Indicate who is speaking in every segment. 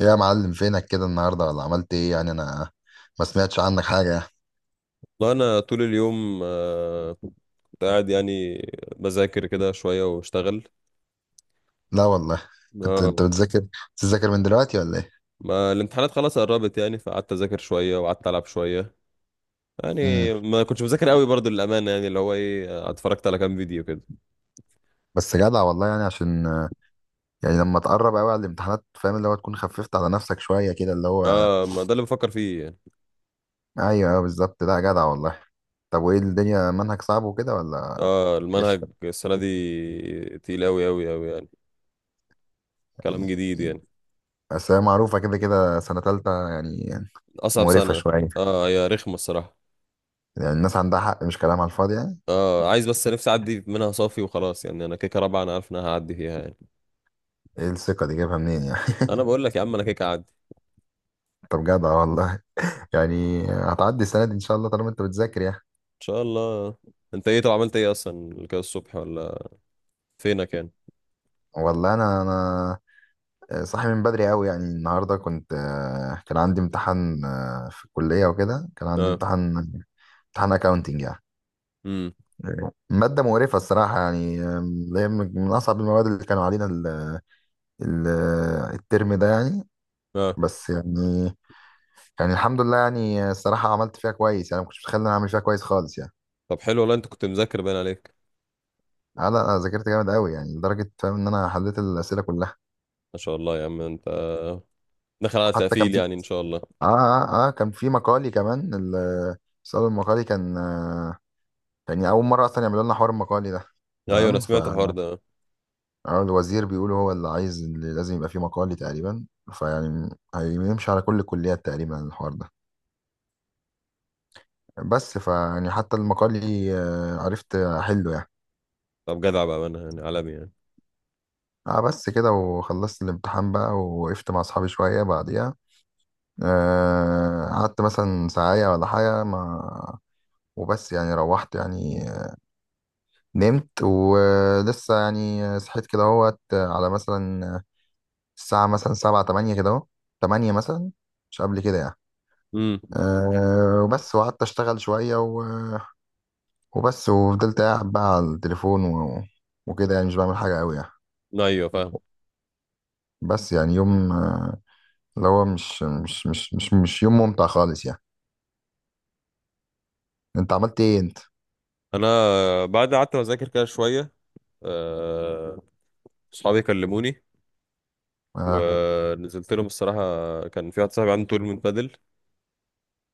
Speaker 1: إيه يا معلم فينك كده النهارده ولا عملت ايه يعني انا ما سمعتش عنك حاجة.
Speaker 2: لا انا طول اليوم كنت قاعد يعني بذاكر كده شويه واشتغل.
Speaker 1: لا والله. كنت انت
Speaker 2: اه،
Speaker 1: بتذاكر من دلوقتي ولا ايه؟
Speaker 2: ما الامتحانات خلاص قربت يعني فقعدت اذاكر شويه وقعدت العب شويه
Speaker 1: امم.
Speaker 2: يعني، ما كنتش بذاكر قوي برضو للامانه يعني اللي هو ايه، اتفرجت على كام فيديو كده.
Speaker 1: بس جدع والله، يعني عشان يعني لما تقرب قوي على الامتحانات، فاهم اللي هو تكون خففت على نفسك شوية كده اللي هو.
Speaker 2: اه ما ده اللي بفكر فيه يعني.
Speaker 1: ايوه ايوه بالظبط، لا جدع والله. طب وايه الدنيا، منهج صعب وكده ولا؟
Speaker 2: اه المنهج
Speaker 1: قشطة
Speaker 2: السنه دي تقيل قوي قوي قوي يعني، كلام جديد
Speaker 1: يعني.
Speaker 2: يعني،
Speaker 1: بس هي معروفة كده كده سنة تالتة يعني.
Speaker 2: اصعب
Speaker 1: مقرفة
Speaker 2: سنه.
Speaker 1: شوية.
Speaker 2: اه هي رخمه الصراحه.
Speaker 1: يعني الناس عندها حق، مش كلام على الفاضي يعني.
Speaker 2: اه عايز بس نفسي اعدي منها صافي وخلاص يعني، انا كيكه رابعه انا عارف ان انا هعدي فيها يعني،
Speaker 1: ايه الثقة دي جايبها منين يعني؟
Speaker 2: انا بقول لك يا عم انا كيكه اعدي.
Speaker 1: طب جدع والله. يعني هتعدي السنة دي إن شاء الله طالما أنت بتذاكر يعني.
Speaker 2: شاء الله. انت ايه طب عملت ايه اصلا كده الصبح ولا فينك يعني؟
Speaker 1: والله أنا صاحي من بدري أوي يعني. النهاردة كنت آه، كان عندي امتحان، في الكلية وكده. كان عندي
Speaker 2: اه.
Speaker 1: امتحان أكاونتينج يعني.
Speaker 2: امم
Speaker 1: مادة مقرفة الصراحة يعني. اللي هي من أصعب المواد اللي كانوا علينا ال- الترم ده يعني.
Speaker 2: اه.
Speaker 1: بس يعني الحمد لله، يعني الصراحة عملت فيها كويس يعني. ما كنتش متخيل إن أنا أعمل فيها كويس خالص يعني.
Speaker 2: طب حلو والله انت كنت مذاكر باين عليك.
Speaker 1: أنا ذاكرت جامد أوي يعني، لدرجة فاهم إن أنا حليت الأسئلة كلها.
Speaker 2: ما شاء الله يا عم انت داخل على
Speaker 1: حتى كان
Speaker 2: تقفيل
Speaker 1: في
Speaker 2: يعني ان شاء الله.
Speaker 1: اه اه اه كان في مقالي كمان. السؤال المقالي كان اول مره اصلا يعملوا لنا حوار المقالي ده.
Speaker 2: ايوه انا
Speaker 1: تمام. ف
Speaker 2: سمعت الحوار ده.
Speaker 1: آه، الوزير بيقولوا هو اللي عايز، اللي لازم يبقى فيه مقالي تقريبا. فيعني هيمشي على كل الكليات تقريبا الحوار ده. بس فيعني حتى المقالي عرفت احله يعني.
Speaker 2: طب جدع بقى انا يعني عالمي يعني.
Speaker 1: اه بس كده. وخلصت الامتحان بقى ووقفت مع اصحابي شويه بعديها. قعدت مثلا ساعة ولا حاجة ما. وبس يعني روحت يعني. نمت ولسه يعني صحيت كده اهوت على مثلا الساعة مثلا سبعة تمانية كده اهو. تمانية مثلا، مش قبل كده يعني.
Speaker 2: امم
Speaker 1: وبس وقعدت أشتغل شوية و... وبس وفضلت قاعد بقى على التليفون و... وكده يعني مش بعمل حاجة أوي يعني.
Speaker 2: ايوه فاهم.
Speaker 1: بس يعني يوم، اللي هو مش يوم ممتع خالص يعني. أنت عملت إيه أنت؟
Speaker 2: انا بعد قعدت اذاكر كده شويه، آه، اصحابي كلموني
Speaker 1: آه
Speaker 2: ونزلت لهم الصراحه. كان في واحد صاحبي عنده تورنمنت بادل.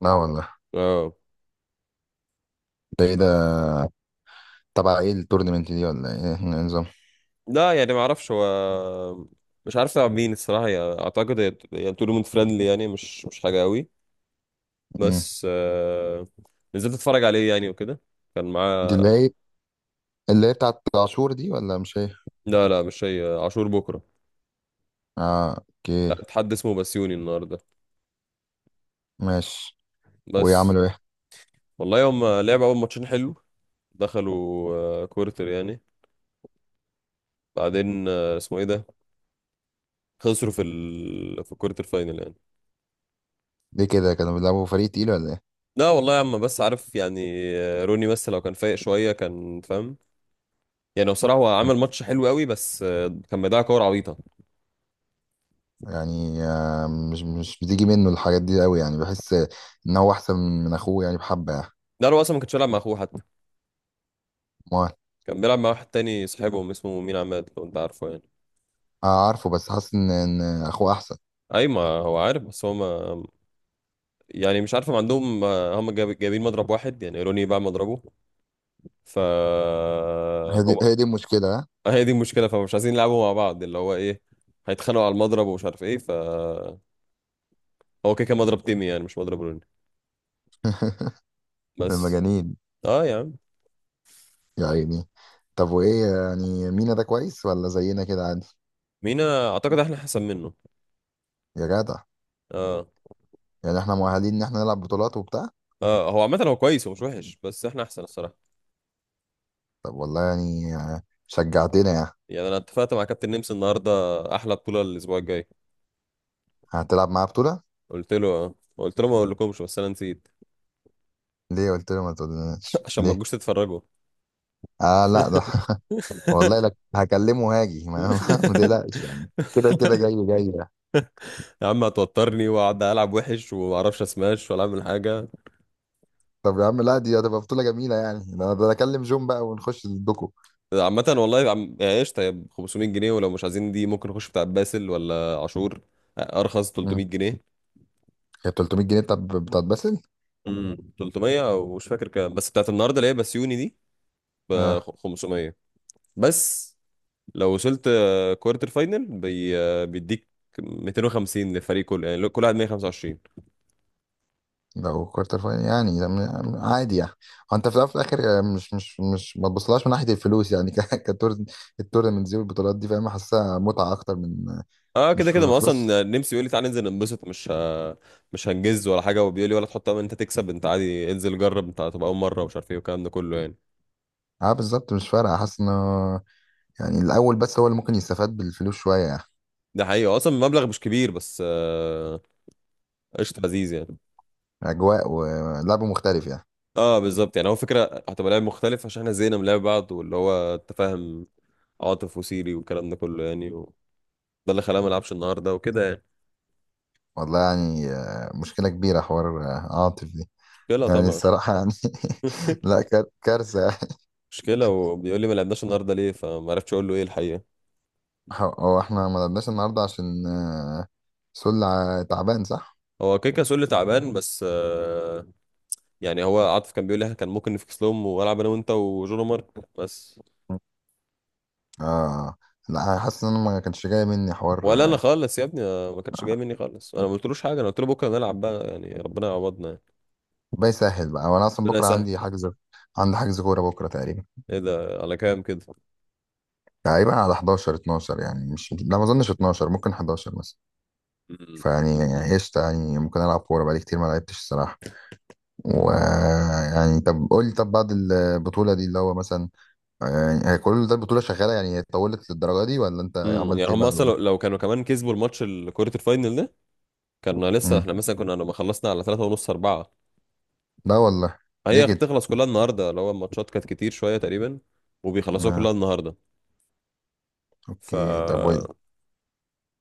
Speaker 1: لا والله.
Speaker 2: اه.
Speaker 1: ده إيه ده؟ تبع إيه التورنمنت دي؟ ولا إيه النظام؟
Speaker 2: لا يعني ما اعرفش، هو مش عارف تلعب مين الصراحه يعني، اعتقد هي يعني تورنمنت فريندلي يعني، مش حاجه قوي.
Speaker 1: مم.
Speaker 2: بس نزلت اتفرج عليه يعني وكده. كان
Speaker 1: دي
Speaker 2: معاه
Speaker 1: اللي هي اللي هي بتاعت العاشور دي ولا مش هي؟
Speaker 2: لا لا مش هي، عاشور بكره.
Speaker 1: اه اوكي.
Speaker 2: لا حد اسمه بسيوني النهارده
Speaker 1: ماشي.
Speaker 2: بس.
Speaker 1: ويعملوا ايه؟
Speaker 2: والله هم لعبوا اول ماتشين حلو، دخلوا كورتر يعني، بعدين اسمه ايه ده، خسروا في الكورتر فاينل يعني.
Speaker 1: ليه كده، كانوا بيلعبوا فريق تقيل ولا ايه؟
Speaker 2: لا والله يا عم، بس عارف يعني، روني بس لو كان فايق شويه كان فاهم يعني. بصراحة هو عمل ماتش حلو قوي، بس كان بيضيع كور عبيطة.
Speaker 1: يعني مش بتيجي منه الحاجات دي قوي يعني. بحس ان هو احسن من اخوه يعني، بحبه يعني.
Speaker 2: ده هو أصلا ما كانش بيلعب مع أخوه حتى،
Speaker 1: ما
Speaker 2: كان بيلعب مع واحد تاني صاحبهم اسمه مين، عماد لو أنت عارفه يعني.
Speaker 1: آه عارفه، بس حاسس إن اخوه احسن.
Speaker 2: أي ما هو عارف، بس هو ما يعني مش عارف، ما عندهم، هم جايبين مضرب واحد يعني، روني باع مضربه. ف
Speaker 1: هي دي
Speaker 2: هم
Speaker 1: هي دي المشكله، ها.
Speaker 2: هي دي المشكلة، فمش عايزين يلعبوا مع بعض، اللي هو إيه، هيتخانقوا على المضرب ومش عارف إيه. هو كده كده مضرب تيمي يعني، مش مضرب روني بس.
Speaker 1: المجانين.
Speaker 2: أه يا عم.
Speaker 1: يا عيني. طب وايه يعني، مينا ده كويس ولا زينا كده عادي؟
Speaker 2: مينا أعتقد إحنا أحسن منه.
Speaker 1: يا جدع.
Speaker 2: أه.
Speaker 1: يعني احنا مؤهلين ان احنا نلعب بطولات وبتاع.
Speaker 2: آه هو عامة هو كويس ومش وحش، بس احنا احسن الصراحة.
Speaker 1: طب والله يعني، شجعتنا يعني.
Speaker 2: يعني انا اتفقت مع كابتن نمس النهارده، احلى بطوله الاسبوع الجاي.
Speaker 1: هتلعب معاه بطوله؟
Speaker 2: قلت له قلت له ما اقولكمش بس انا نسيت.
Speaker 1: ليه قلت له ما تقولناش
Speaker 2: عشان ما
Speaker 1: ليه؟
Speaker 2: تجوش تتفرجوا.
Speaker 1: اه لا ده. والله لك هكلمه هاجي، ما, ما تقلقش يعني، كده كده جاي جاي يعني.
Speaker 2: يا عم هتوترني واقعد العب وحش وما اعرفش اسماش ولا اعمل حاجه.
Speaker 1: طب يا عم لا، دي هتبقى بطولة جميلة يعني. ده أنا اكلم جون بقى ونخش الدوكو.
Speaker 2: عامه والله يعني ايش، طيب 500 جنيه، ولو مش عايزين دي ممكن نخش بتاع باسل ولا عاشور ارخص
Speaker 1: مم.
Speaker 2: 300 جنيه.
Speaker 1: هي 300 جنيه بتاعت باسل.
Speaker 2: امم، 300 او مش فاكر كام، بس بتاعت النهارده اللي هي بسيوني دي ب
Speaker 1: اه
Speaker 2: 500 بس. لو وصلت كوارتر فاينل بي... آه، بيديك 250 للفريق كله يعني، كل واحد 125.
Speaker 1: لو كوارتر فاينل يعني ده عادي يعني. هو انت في الاول وفي الاخر، مش ما تبصلهاش من ناحية الفلوس يعني. كتور التورنمنتس دي والبطولات دي، فاهم، حاسسها متعة اكتر من...
Speaker 2: اه
Speaker 1: مش
Speaker 2: كده كده،
Speaker 1: في
Speaker 2: ما
Speaker 1: فلوس.
Speaker 2: اصلا نمسي بيقول لي تعالى ننزل ننبسط، مش هنجز ولا حاجه، وبيقول لي ولا تحط امل إن انت تكسب، انت عادي انزل جرب، انت هتبقى اول مره ومش عارف ايه والكلام ده كله يعني.
Speaker 1: اه بالظبط، مش فارقة. حاسس انه يعني الاول بس هو اللي ممكن يستفاد بالفلوس شوية يعني.
Speaker 2: ده حقيقي اصلا المبلغ مش كبير، بس قشطه لذيذ يعني.
Speaker 1: اجواء ولعب مختلف يعني.
Speaker 2: اه بالظبط، يعني هو فكره، هتبقى لعب مختلف عشان احنا زهقنا من لعب بعض، واللي هو تفاهم عاطف وسيري والكلام ده كله يعني ده اللي خلاه ما لعبش النهارده وكده يعني.
Speaker 1: والله يعني، مشكله كبيره حوار عاطف دي.
Speaker 2: مشكله
Speaker 1: يعني
Speaker 2: طبعا.
Speaker 1: الصراحه يعني. لا كارثه يعني.
Speaker 2: مشكلة، وبيقول لي ما لعبناش النهارده ليه، فما عرفتش اقول له ايه الحقيقة.
Speaker 1: هو احنا ما لعبناش النهارده عشان سلة تعبان، صح؟
Speaker 2: هو كيكا سولي تعبان، بس يعني هو عاطف كان بيقول لي إحنا كان ممكن نفكس لهم والعب انا وانت وجون مارك بس.
Speaker 1: اه لا، حاسس ان انا ما كانش جاي مني حوار
Speaker 2: ولا انا
Speaker 1: آه،
Speaker 2: خالص يا ابني، ما كانتش جايه مني خالص، انا ما قلتلوش حاجه، انا قلت له بكره نلعب بقى يعني ربنا يعوضنا يعني.
Speaker 1: بقى يسهل بقى. وانا اصلا
Speaker 2: ربنا
Speaker 1: بكره
Speaker 2: يسهل.
Speaker 1: عندي حجز، كوره بكره تقريبا
Speaker 2: ايه ده على كام كده؟
Speaker 1: تقريبا على 11 12 يعني، مش، لا ما اظنش 12، ممكن 11 مثلا.
Speaker 2: امم.
Speaker 1: فيعني قشطه يعني، ممكن العب كوره بقالي كتير ما لعبتش الصراحه. ويعني طب قول لي، طب بعد البطولة دي اللي هو مثلا، يعني هي كل ده البطولة شغالة؟ يعني هي طولت للدرجة دي ولا انت
Speaker 2: أمم،
Speaker 1: عملت
Speaker 2: يعني
Speaker 1: ايه
Speaker 2: هم
Speaker 1: بعد
Speaker 2: اصلا لو
Speaker 1: البطولة؟
Speaker 2: لو كانوا كمان كسبوا الماتش كرة الفاينل ده، كنا لسه
Speaker 1: امم.
Speaker 2: احنا مثلا كنا لما خلصنا على 3 ونص 4.
Speaker 1: لا والله. ليه
Speaker 2: هي
Speaker 1: كده؟
Speaker 2: هتخلص كلها النهارده، اللي هو الماتشات كانت كتير شويه تقريبا، وبيخلصوها
Speaker 1: آه.
Speaker 2: كلها النهارده. ف
Speaker 1: اوكي طب
Speaker 2: آه,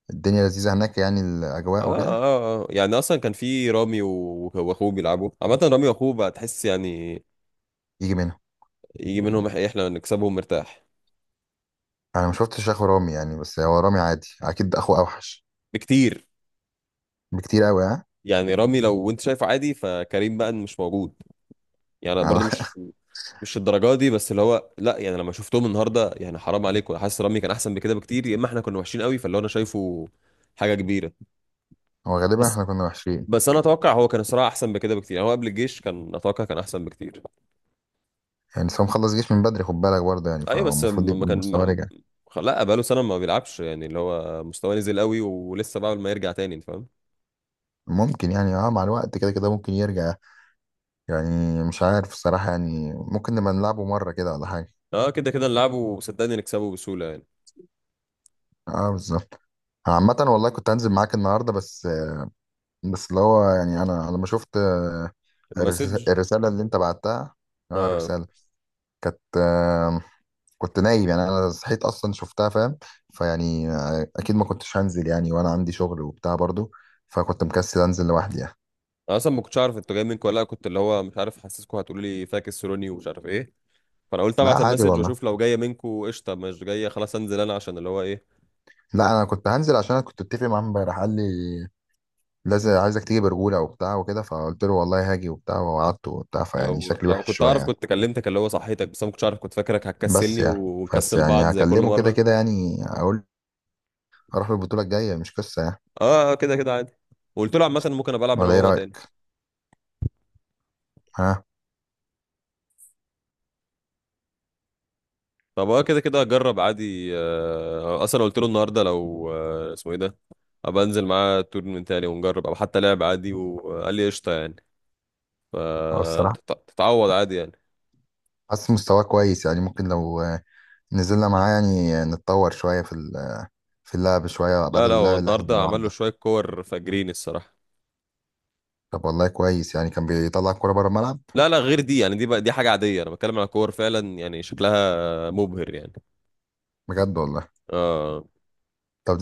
Speaker 1: الدنيا لذيذة هناك يعني، الأجواء وكده؟
Speaker 2: آه يعني، أصلا كان في رامي وأخوه بيلعبوا، عامة رامي وأخوه بقى تحس يعني
Speaker 1: يجي منها.
Speaker 2: يجي منهم، إحنا نكسبهم مرتاح.
Speaker 1: أنا ما شفتش أخو رامي يعني، بس هو رامي عادي، أكيد أخوه أوحش.
Speaker 2: بكتير.
Speaker 1: بكتير أوي، ها.
Speaker 2: يعني رامي لو أنت شايفه عادي، فكريم بقى مش موجود، يعني برضه
Speaker 1: أنا-
Speaker 2: مش الدرجة دي، بس اللي هو لا يعني لما شفتهم النهاردة يعني حرام عليكم، حاسس رامي كان أحسن بكده بكتير، يا إما إحنا كنا وحشين قوي، فاللي هو أنا شايفه حاجة كبيرة.
Speaker 1: هو غالبا
Speaker 2: بس
Speaker 1: احنا كنا وحشين.
Speaker 2: بس أنا أتوقع هو كان الصراحة أحسن بكده بكتير، يعني هو قبل الجيش كان أتوقع كان أحسن بكتير.
Speaker 1: يعني بس هو مخلص جيش من بدري، خد بالك برضه يعني،
Speaker 2: ايوه بس
Speaker 1: فالمفروض
Speaker 2: م- ما
Speaker 1: يبقى
Speaker 2: كان
Speaker 1: المستوى
Speaker 2: ما...
Speaker 1: رجع.
Speaker 2: خ- لا بقاله سنه ما بيلعبش يعني، اللي هو مستواه نزل قوي ولسه بقى ما يرجع تاني، انت فاهم.
Speaker 1: ممكن يعني، مع الوقت كده كده ممكن يرجع. يعني مش عارف الصراحة يعني، ممكن نبقى نلعبه مرة كده ولا حاجة.
Speaker 2: اه كده كده نلعبه وصدقني نكسبه بسهوله يعني.
Speaker 1: اه بالظبط. عامة والله كنت هنزل معاك النهاردة، بس، بس اللي هو يعني أنا لما شفت،
Speaker 2: المسج.
Speaker 1: الرسالة اللي أنت بعتها. اه
Speaker 2: اه
Speaker 1: الرسالة كانت، كنت نايم يعني. أنا صحيت أصلا شفتها، فاهم؟ فيعني أكيد ما كنتش هنزل يعني، وأنا عندي شغل وبتاع برضو. فكنت مكسل أنزل لوحدي يعني.
Speaker 2: انا اصلا ما كنتش عارف انتوا جايين منكم ولا لأ، كنت اللي هو مش عارف، حاسسكم هتقولوا لي فاكس روني ومش عارف ايه، فانا قلت
Speaker 1: لا
Speaker 2: ابعت
Speaker 1: عادي
Speaker 2: المسج
Speaker 1: والله.
Speaker 2: واشوف، لو جايه منكم قشطه، مش جايه خلاص انزل انا عشان اللي هو ايه.
Speaker 1: لا أنا كنت هنزل، عشان أنا كنت أتفق معاه امبارح قال لي لازم عايزك تيجي برجولة وبتاع وكده. فقلت له والله هاجي وبتاع ووعدته وبتاع. فيعني
Speaker 2: لو
Speaker 1: شكلي
Speaker 2: لو
Speaker 1: وحش
Speaker 2: كنت
Speaker 1: شوية
Speaker 2: اعرف
Speaker 1: يعني.
Speaker 2: كنت كلمتك، اللي هو صحيتك، بس انا ما كنتش عارف، كنت فاكرك
Speaker 1: بس
Speaker 2: هتكسلني
Speaker 1: يعني، بس
Speaker 2: ونكسل
Speaker 1: يعني
Speaker 2: بعض زي كل
Speaker 1: هكلمه كده
Speaker 2: مره.
Speaker 1: كده يعني، أقول أروح البطولة الجاية، مش قصة يعني.
Speaker 2: اه كده كده عادي، وقلت له عامه ممكن ابقى العب انا
Speaker 1: ولا إيه
Speaker 2: وهو تاني.
Speaker 1: رأيك؟ ها.
Speaker 2: طب اه كده كده هجرب عادي، اصلا قلت له النهارده لو اسمه ايه ده، ابقى انزل معاه تورنمنت تاني ونجرب او حتى لعب عادي، وقال لي قشطه يعني،
Speaker 1: هو الصراحة
Speaker 2: فتتعوض عادي يعني.
Speaker 1: حاسس مستواه كويس يعني. ممكن لو نزلنا معاه يعني نتطور شوية في في اللعب شوية،
Speaker 2: لا
Speaker 1: بدل
Speaker 2: لا هو
Speaker 1: اللعب اللي احنا
Speaker 2: النهارده عمل
Speaker 1: بنلعبه
Speaker 2: له
Speaker 1: ده.
Speaker 2: شويه كور فاجرين الصراحه.
Speaker 1: طب والله كويس يعني، كان بيطلع الكورة بره الملعب؟
Speaker 2: لا لا غير دي يعني، دي بقى دي حاجه عاديه، انا بتكلم على كور فعلا يعني شكلها مبهر يعني.
Speaker 1: بجد والله.
Speaker 2: اه
Speaker 1: طب